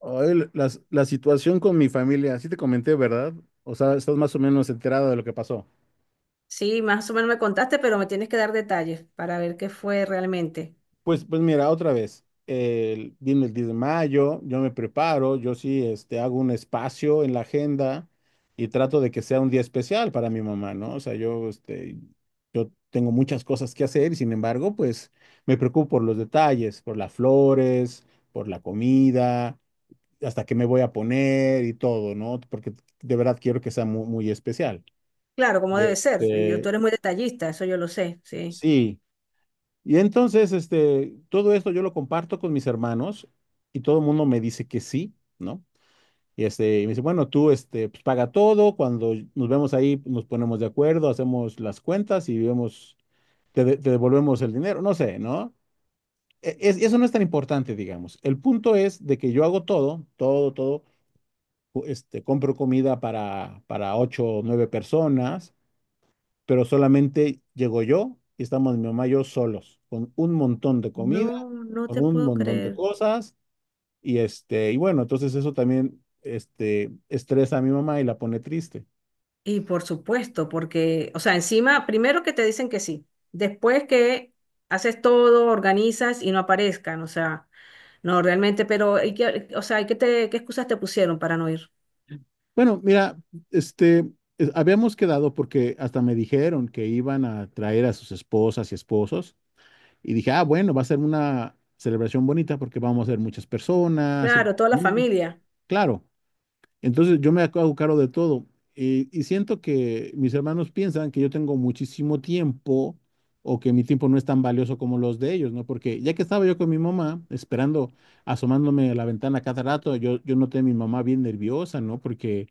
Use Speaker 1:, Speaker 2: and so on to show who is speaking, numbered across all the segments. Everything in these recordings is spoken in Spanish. Speaker 1: Ay, la situación con mi familia, sí te comenté, ¿verdad? O sea, estás más o menos enterado de lo que pasó.
Speaker 2: Sí, más o menos me contaste, pero me tienes que dar detalles para ver qué fue realmente.
Speaker 1: Pues mira, otra vez, viene el 10 de mayo, yo me preparo, yo sí, hago un espacio en la agenda y trato de que sea un día especial para mi mamá, ¿no? O sea, yo, yo tengo muchas cosas que hacer y sin embargo, pues me preocupo por los detalles, por las flores, por la comida, hasta qué me voy a poner y todo, ¿no? Porque de verdad quiero que sea muy especial.
Speaker 2: Claro, como
Speaker 1: Y
Speaker 2: debe ser. Y yo, tú eres muy detallista, eso yo lo sé, sí.
Speaker 1: sí. Y entonces, todo esto yo lo comparto con mis hermanos y todo el mundo me dice que sí, ¿no? Y y me dice, bueno, tú, pues paga todo, cuando nos vemos ahí, pues, nos ponemos de acuerdo, hacemos las cuentas y vemos, te devolvemos el dinero, no sé, ¿no? Eso no es tan importante, digamos. El punto es de que yo hago todo, todo, todo, compro comida para ocho o nueve personas, pero solamente llego yo y estamos mi mamá y yo solos, con un montón de comida,
Speaker 2: No, no
Speaker 1: con
Speaker 2: te
Speaker 1: un
Speaker 2: puedo
Speaker 1: montón de
Speaker 2: creer.
Speaker 1: cosas, y y bueno, entonces eso también, estresa a mi mamá y la pone triste.
Speaker 2: Y por supuesto, porque, o sea, encima, primero que te dicen que sí, después que haces todo, organizas y no aparezcan, o sea, no realmente, pero, ¿y qué te, qué excusas te pusieron para no ir?
Speaker 1: Bueno, mira, este, habíamos quedado porque hasta me dijeron que iban a traer a sus esposas y esposos, y dije, ah, bueno, va a ser una celebración bonita porque vamos a ser muchas personas.
Speaker 2: Claro, toda la
Speaker 1: Mm,
Speaker 2: familia.
Speaker 1: Claro. Entonces yo me hago cargo de todo. Y siento que mis hermanos piensan que yo tengo muchísimo tiempo o que mi tiempo no es tan valioso como los de ellos, ¿no? Porque ya que estaba yo con mi mamá, esperando, asomándome a la ventana cada rato, yo noté a mi mamá bien nerviosa, ¿no? Porque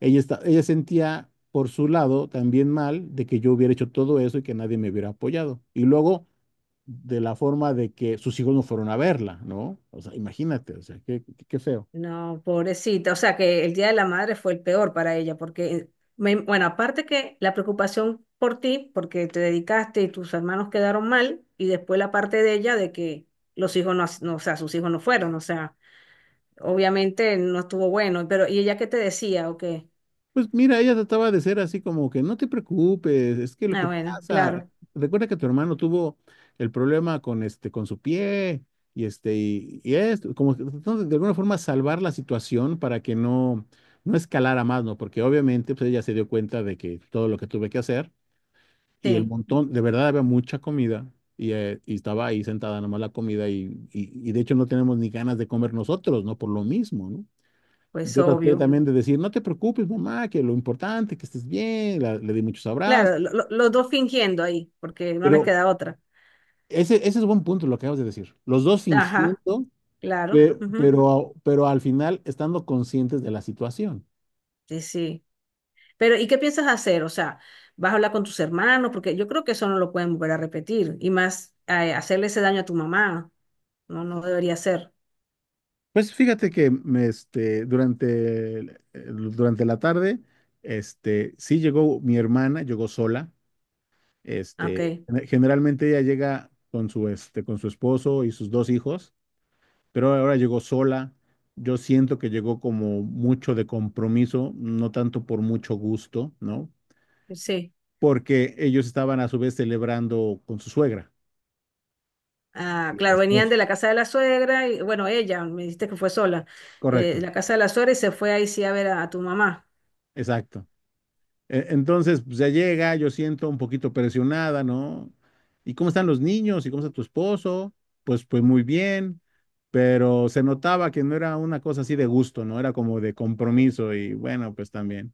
Speaker 1: ella sentía por su lado también mal de que yo hubiera hecho todo eso y que nadie me hubiera apoyado. Y luego de la forma de que sus hijos no fueron a verla, ¿no? O sea, imagínate, o sea, qué, qué feo.
Speaker 2: No, pobrecita. O sea que el Día de la Madre fue el peor para ella, porque, bueno, aparte que la preocupación por ti, porque te dedicaste y tus hermanos quedaron mal, y después la parte de ella de que los hijos no, no, o sea, sus hijos no fueron, o sea, obviamente no estuvo bueno, pero ¿y ella qué te decía o qué?
Speaker 1: Pues mira, ella trataba de ser así como que no te preocupes, es que lo
Speaker 2: Ah,
Speaker 1: que
Speaker 2: bueno,
Speaker 1: pasa,
Speaker 2: claro,
Speaker 1: recuerda que tu hermano tuvo el problema con con su pie, y y esto, como que tratando de alguna forma salvar la situación para que no, no escalara más, ¿no? Porque obviamente pues ella se dio cuenta de que todo lo que tuve que hacer, y el
Speaker 2: sí,
Speaker 1: montón, de verdad había mucha comida, y estaba ahí sentada nomás la comida, y de hecho no tenemos ni ganas de comer nosotros, ¿no? Por lo mismo, ¿no?
Speaker 2: pues
Speaker 1: Yo traté
Speaker 2: obvio.
Speaker 1: también de decir, no te preocupes, mamá, que lo importante, que estés bien, le di muchos abrazos.
Speaker 2: Claro, los dos fingiendo ahí, porque no les
Speaker 1: Pero
Speaker 2: queda otra.
Speaker 1: ese es buen punto lo que acabas de decir. Los dos
Speaker 2: Ajá,
Speaker 1: fingiendo,
Speaker 2: claro, ujú.
Speaker 1: pero, al final estando conscientes de la situación.
Speaker 2: Sí, sí. Pero, ¿y qué piensas hacer? O sea, ¿vas a hablar con tus hermanos? Porque yo creo que eso no lo pueden volver a repetir. Y más, hacerle ese daño a tu mamá, no, no debería ser.
Speaker 1: Pues fíjate que me, este, durante, el- durante la tarde, sí llegó mi hermana, llegó sola.
Speaker 2: Ok,
Speaker 1: Este, Generalmente ella llega con su, con su esposo y sus dos hijos, pero ahora llegó sola. Yo siento que llegó como mucho de compromiso, no tanto por mucho gusto, ¿no?
Speaker 2: sí.
Speaker 1: Porque ellos estaban a su vez celebrando con su suegra.
Speaker 2: Ah,
Speaker 1: Y el
Speaker 2: claro, venían
Speaker 1: esposo.
Speaker 2: de la casa de la suegra, y bueno, ella, me dijiste que fue sola, de
Speaker 1: Correcto,
Speaker 2: la casa de la suegra y se fue ahí sí a ver a tu mamá.
Speaker 1: exacto. Entonces, pues, ya llega, yo siento un poquito presionada, ¿no? ¿Y cómo están los niños? ¿Y cómo está tu esposo? Pues muy bien, pero se notaba que no era una cosa así de gusto, ¿no? Era como de compromiso y bueno, pues también.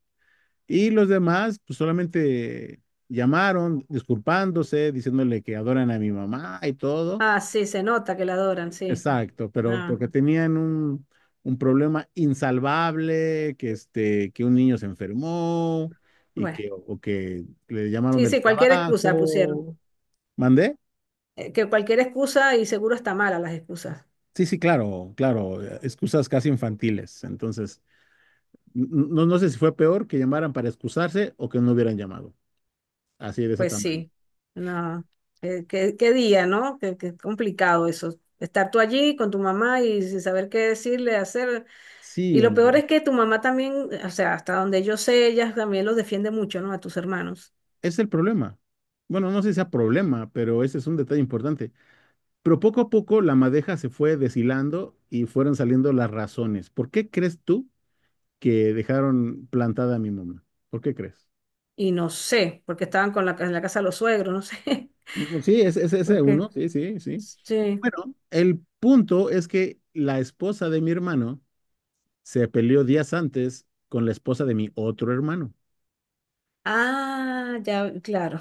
Speaker 1: Y los demás, pues solamente llamaron, disculpándose, diciéndole que adoran a mi mamá y todo.
Speaker 2: Ah, sí, se nota que la adoran, sí.
Speaker 1: Exacto, pero
Speaker 2: Ah,
Speaker 1: porque tenían un problema insalvable, que que un niño se enfermó y
Speaker 2: bueno.
Speaker 1: que, o que le llamaron
Speaker 2: Sí,
Speaker 1: del
Speaker 2: sí, cualquier excusa pusieron.
Speaker 1: trabajo. ¿Mandé?
Speaker 2: Que cualquier excusa y seguro está mala las excusas.
Speaker 1: Sí, sí, claro, claro, excusas casi infantiles. Entonces, no sé si fue peor que llamaran para excusarse o que no hubieran llamado, así de ese
Speaker 2: Pues
Speaker 1: tamaño.
Speaker 2: sí, no, qué, qué día, ¿no? Qué, qué complicado eso. Estar tú allí con tu mamá y sin saber qué decirle, hacer. Y
Speaker 1: Sí,
Speaker 2: lo peor
Speaker 1: hombre.
Speaker 2: es que tu mamá también, o sea, hasta donde yo sé, ella también los defiende mucho, ¿no? A tus hermanos.
Speaker 1: Es el problema. Bueno, no sé si sea problema, pero ese es un detalle importante. Pero poco a poco la madeja se fue deshilando y fueron saliendo las razones. ¿Por qué crees tú que dejaron plantada a mi mamá? ¿Por qué crees?
Speaker 2: Y no sé, porque estaban con la, en la casa de los suegros, no sé.
Speaker 1: Mm, sí, es ese es
Speaker 2: Porque
Speaker 1: uno, sí, sí, sí.
Speaker 2: sí.
Speaker 1: Bueno, el punto es que la esposa de mi hermano se peleó días antes con la esposa de mi otro hermano.
Speaker 2: Ah, ya, claro.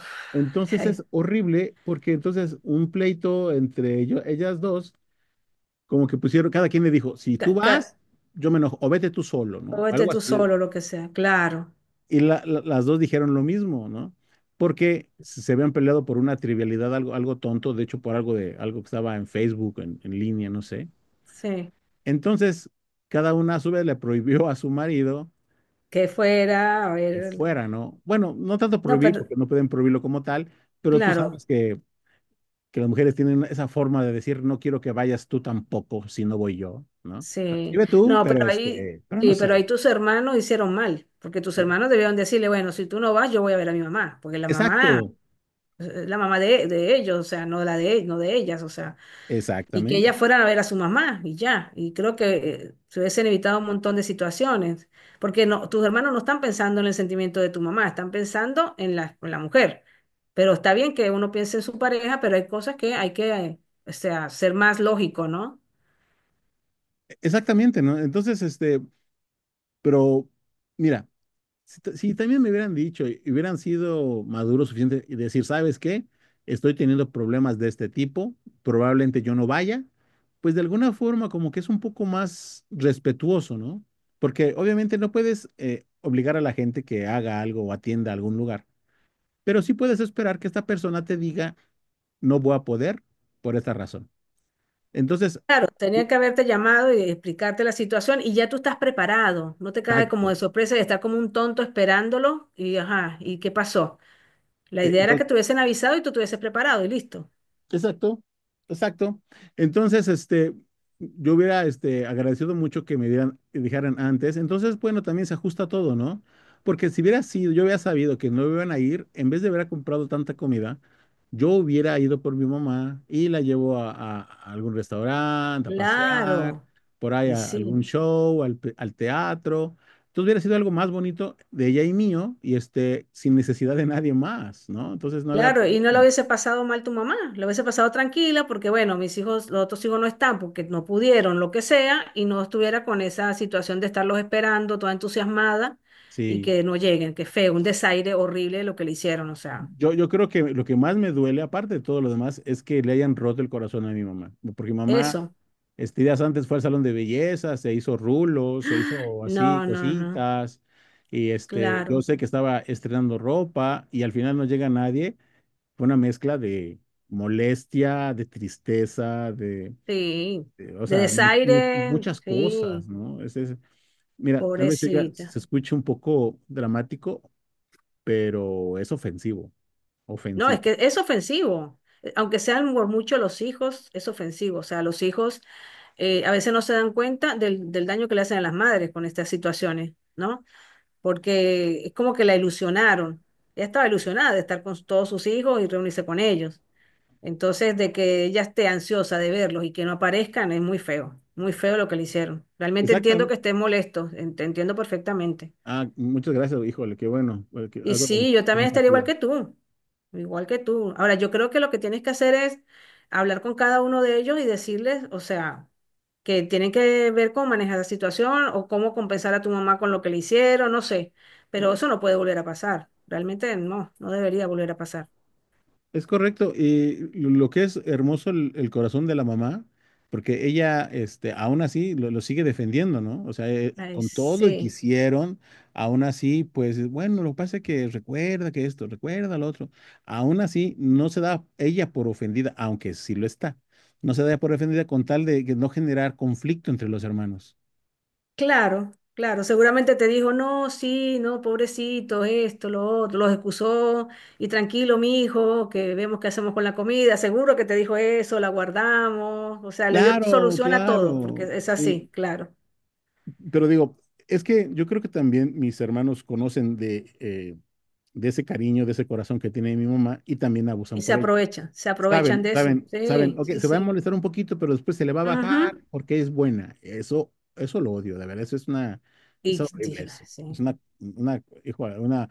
Speaker 1: Entonces
Speaker 2: Ay,
Speaker 1: es horrible porque entonces un pleito entre ellas dos como que pusieron, cada quien le dijo, si tú
Speaker 2: ca-
Speaker 1: vas,
Speaker 2: ca-
Speaker 1: yo me enojo, o vete tú solo,
Speaker 2: o
Speaker 1: ¿no?
Speaker 2: vete
Speaker 1: Algo
Speaker 2: tú
Speaker 1: así.
Speaker 2: solo, lo que sea, claro.
Speaker 1: Las dos dijeron lo mismo, ¿no? Porque se habían peleado por una trivialidad, algo, algo tonto, de hecho por algo de algo que estaba en Facebook, en línea, no sé.
Speaker 2: Sí.
Speaker 1: Entonces, cada una a su vez le prohibió a su marido
Speaker 2: Que fuera, a
Speaker 1: que
Speaker 2: ver.
Speaker 1: fuera, ¿no? Bueno, no tanto
Speaker 2: No,
Speaker 1: prohibir,
Speaker 2: pero
Speaker 1: porque no pueden prohibirlo como tal, pero tú
Speaker 2: claro.
Speaker 1: sabes que las mujeres tienen esa forma de decir, no quiero que vayas tú tampoco si no voy yo, ¿no? O sea, sí
Speaker 2: Sí,
Speaker 1: ve tú,
Speaker 2: no,
Speaker 1: pero
Speaker 2: pero ahí,
Speaker 1: pero no
Speaker 2: sí, pero ahí
Speaker 1: sé.
Speaker 2: tus hermanos hicieron mal, porque tus
Speaker 1: Sí.
Speaker 2: hermanos debieron decirle, bueno, si tú no vas, yo voy a ver a mi mamá, porque la
Speaker 1: Exacto,
Speaker 2: mamá es la mamá de ellos, o sea, no la de, no de ellas, o sea, y que ellas
Speaker 1: exactamente,
Speaker 2: fueran a ver a su mamá y ya, y creo que se hubiesen evitado un montón de situaciones, porque no, tus hermanos no están pensando en el sentimiento de tu mamá, están pensando en la mujer, pero está bien que uno piense en su pareja, pero hay cosas que hay que, o sea, ser más lógico, ¿no?
Speaker 1: exactamente, ¿no? Entonces, pero mira, si, si también me hubieran dicho y hubieran sido maduros suficiente y decir, ¿sabes qué? Estoy teniendo problemas de este tipo, probablemente yo no vaya, pues de alguna forma como que es un poco más respetuoso, ¿no? Porque obviamente no puedes obligar a la gente que haga algo o atienda algún lugar, pero sí puedes esperar que esta persona te diga, no voy a poder por esta razón. Entonces,
Speaker 2: Claro, tenía que haberte llamado y explicarte la situación y ya tú estás preparado. No te cae como
Speaker 1: exacto.
Speaker 2: de sorpresa de estar como un tonto esperándolo y ajá, ¿y qué pasó? La idea era que
Speaker 1: Entonces,
Speaker 2: te hubiesen avisado y tú te hubieses preparado y listo.
Speaker 1: exacto, exacto. Entonces, yo hubiera, agradecido mucho que me dieran, que dijeran antes. Entonces, bueno, también se ajusta todo, ¿no? Porque si hubiera sido, yo hubiera sabido que no iban a ir, en vez de haber comprado tanta comida, yo hubiera ido por mi mamá y la llevo a algún restaurante, a pasear,
Speaker 2: Claro,
Speaker 1: por ahí
Speaker 2: y
Speaker 1: a algún
Speaker 2: sí,
Speaker 1: show, al teatro. Entonces hubiera sido algo más bonito de ella y mío, y sin necesidad de nadie más, ¿no? Entonces no había
Speaker 2: claro, y no lo
Speaker 1: problema.
Speaker 2: hubiese pasado mal tu mamá, lo hubiese pasado tranquila porque bueno, mis hijos, los otros hijos no están porque no pudieron, lo que sea, y no estuviera con esa situación de estarlos esperando, toda entusiasmada y
Speaker 1: Sí.
Speaker 2: que no lleguen, que feo, un desaire horrible lo que le hicieron, o sea,
Speaker 1: Yo creo que lo que más me duele, aparte de todo lo demás, es que le hayan roto el corazón a mi mamá. Porque mi mamá,
Speaker 2: eso.
Speaker 1: días antes fue al salón de belleza, se hizo rulos, se hizo así
Speaker 2: No, no, no,
Speaker 1: cositas. Y yo
Speaker 2: claro,
Speaker 1: sé que estaba estrenando ropa y al final no llega nadie. Fue una mezcla de molestia, de tristeza,
Speaker 2: sí.
Speaker 1: o
Speaker 2: De
Speaker 1: sea,
Speaker 2: desaire,
Speaker 1: muchas cosas,
Speaker 2: sí,
Speaker 1: ¿no? Mira, tal vez oiga,
Speaker 2: pobrecita.
Speaker 1: se escuche un poco dramático, pero es ofensivo,
Speaker 2: No, es
Speaker 1: ofensivo.
Speaker 2: que es ofensivo. Aunque sean por mucho los hijos, es ofensivo. O sea, los hijos a veces no se dan cuenta del, del daño que le hacen a las madres con estas situaciones, ¿no? Porque es como que la ilusionaron. Ella estaba ilusionada de estar con todos sus hijos y reunirse con ellos. Entonces, de que ella esté ansiosa de verlos y que no aparezcan es muy feo lo que le hicieron. Realmente entiendo que
Speaker 1: Exactamente.
Speaker 2: estés molesto, te entiendo perfectamente.
Speaker 1: Ah, muchas gracias, híjole, qué bueno, que
Speaker 2: Y
Speaker 1: algo de
Speaker 2: sí, yo también estaría igual
Speaker 1: empatía.
Speaker 2: que tú, igual que tú. Ahora, yo creo que lo que tienes que hacer es hablar con cada uno de ellos y decirles, o sea, que tienen que ver cómo manejar la situación o cómo compensar a tu mamá con lo que le hicieron, no sé. Pero eso no puede volver a pasar. Realmente no, no debería volver a pasar.
Speaker 1: Es correcto, y lo que es hermoso el corazón de la mamá, porque ella, aún así lo sigue defendiendo, ¿no? O sea,
Speaker 2: Ay,
Speaker 1: con todo y que
Speaker 2: sí.
Speaker 1: hicieron, aún así, pues, bueno, lo que pasa es que recuerda que esto, recuerda lo otro. Aún así, no se da ella por ofendida, aunque sí lo está. No se da por ofendida con tal de que no generar conflicto entre los hermanos.
Speaker 2: Claro, claro, seguramente te dijo, no, sí, no, pobrecito, esto, lo otro, los excusó, y tranquilo, mijo, que vemos qué hacemos con la comida, seguro que te dijo eso, la guardamos, o sea, le dio
Speaker 1: Claro,
Speaker 2: solución a todo, porque
Speaker 1: claro,
Speaker 2: es
Speaker 1: sí.
Speaker 2: así, claro,
Speaker 1: Pero digo, es que yo creo que también mis hermanos conocen de ese cariño, de ese corazón que tiene mi mamá y también
Speaker 2: y
Speaker 1: abusan por ello.
Speaker 2: se aprovechan
Speaker 1: Saben,
Speaker 2: de eso,
Speaker 1: saben, saben,
Speaker 2: sí,
Speaker 1: ok,
Speaker 2: sí,
Speaker 1: se va a
Speaker 2: sí.
Speaker 1: molestar un poquito, pero después se le va a
Speaker 2: Ujú.
Speaker 1: bajar porque es buena. Eso lo odio, de verdad, eso es una, es
Speaker 2: Y
Speaker 1: horrible
Speaker 2: dije,
Speaker 1: eso. Es
Speaker 2: sí.
Speaker 1: una, hijo una,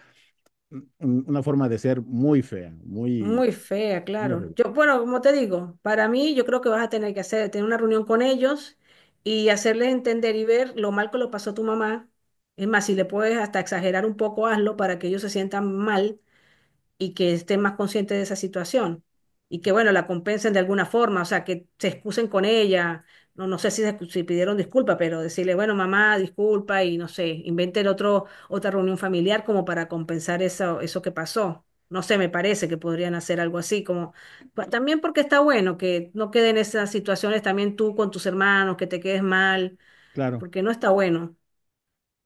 Speaker 1: una forma de ser muy fea, muy,
Speaker 2: Muy fea,
Speaker 1: muy
Speaker 2: claro.
Speaker 1: horrible.
Speaker 2: Yo, bueno, como te digo, para mí yo creo que vas a tener que hacer, tener una reunión con ellos y hacerles entender y ver lo mal que lo pasó tu mamá. Es más, si le puedes hasta exagerar un poco, hazlo para que ellos se sientan mal y que estén más conscientes de esa situación y que, bueno, la compensen de alguna forma, o sea, que se excusen con ella, no, no sé si, si pidieron disculpa, pero decirle, bueno, mamá, disculpa y no sé, inventen otro, otra reunión familiar como para compensar eso, eso que pasó. No sé, me parece que podrían hacer algo así, como también porque está bueno que no queden esas situaciones también tú con tus hermanos, que te quedes mal,
Speaker 1: Claro.
Speaker 2: porque no está bueno.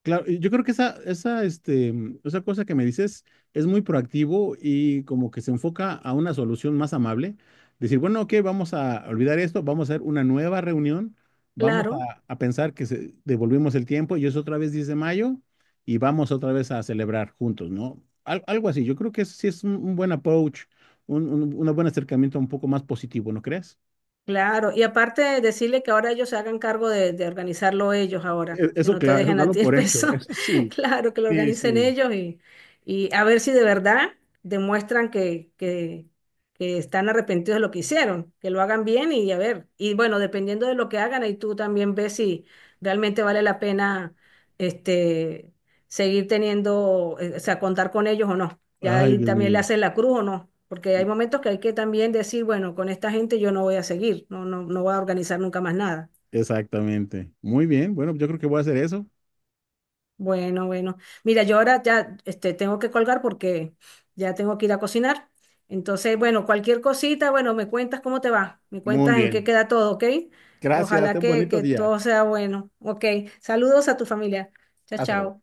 Speaker 1: Claro, y yo creo que esa, esa cosa que me dices es muy proactivo y como que se enfoca a una solución más amable. Decir, bueno, ok, vamos a olvidar esto, vamos a hacer una nueva reunión, vamos
Speaker 2: Claro.
Speaker 1: a pensar que devolvimos el tiempo y es otra vez 10 de mayo y vamos otra vez a celebrar juntos, ¿no? Algo así, yo creo que eso sí es un buen approach, un buen acercamiento un poco más positivo, ¿no crees?
Speaker 2: Claro, y aparte de decirle que ahora ellos se hagan cargo de organizarlo ellos ahora, que
Speaker 1: Eso
Speaker 2: no te
Speaker 1: claro,
Speaker 2: dejen a
Speaker 1: dalo
Speaker 2: ti el
Speaker 1: por hecho,
Speaker 2: peso,
Speaker 1: eso sí,
Speaker 2: claro, que lo
Speaker 1: sí,
Speaker 2: organicen
Speaker 1: sí.
Speaker 2: ellos y a ver si de verdad demuestran que están arrepentidos de lo que hicieron, que lo hagan bien y a ver, y bueno, dependiendo de lo que hagan, ahí tú también ves si realmente vale la pena este, seguir teniendo, o sea, contar con ellos o no. Ya
Speaker 1: Ay,
Speaker 2: ahí
Speaker 1: Dios
Speaker 2: también le
Speaker 1: mío.
Speaker 2: hacen la cruz o no, porque hay momentos que hay que también decir, bueno, con esta gente yo no voy a seguir, no, no, no voy a organizar nunca más nada.
Speaker 1: Exactamente. Muy bien. Bueno, yo creo que voy a hacer eso.
Speaker 2: Bueno, bueno. Mira, yo ahora ya este, tengo que colgar porque ya tengo que ir a cocinar. Entonces, bueno, cualquier cosita, bueno, me cuentas cómo te va, me
Speaker 1: Muy
Speaker 2: cuentas en qué
Speaker 1: bien.
Speaker 2: queda todo, ¿ok?
Speaker 1: Gracias.
Speaker 2: Ojalá
Speaker 1: Ten un bonito
Speaker 2: que
Speaker 1: día.
Speaker 2: todo sea bueno. Ok, saludos a tu familia. Chao,
Speaker 1: Hasta luego.
Speaker 2: chao.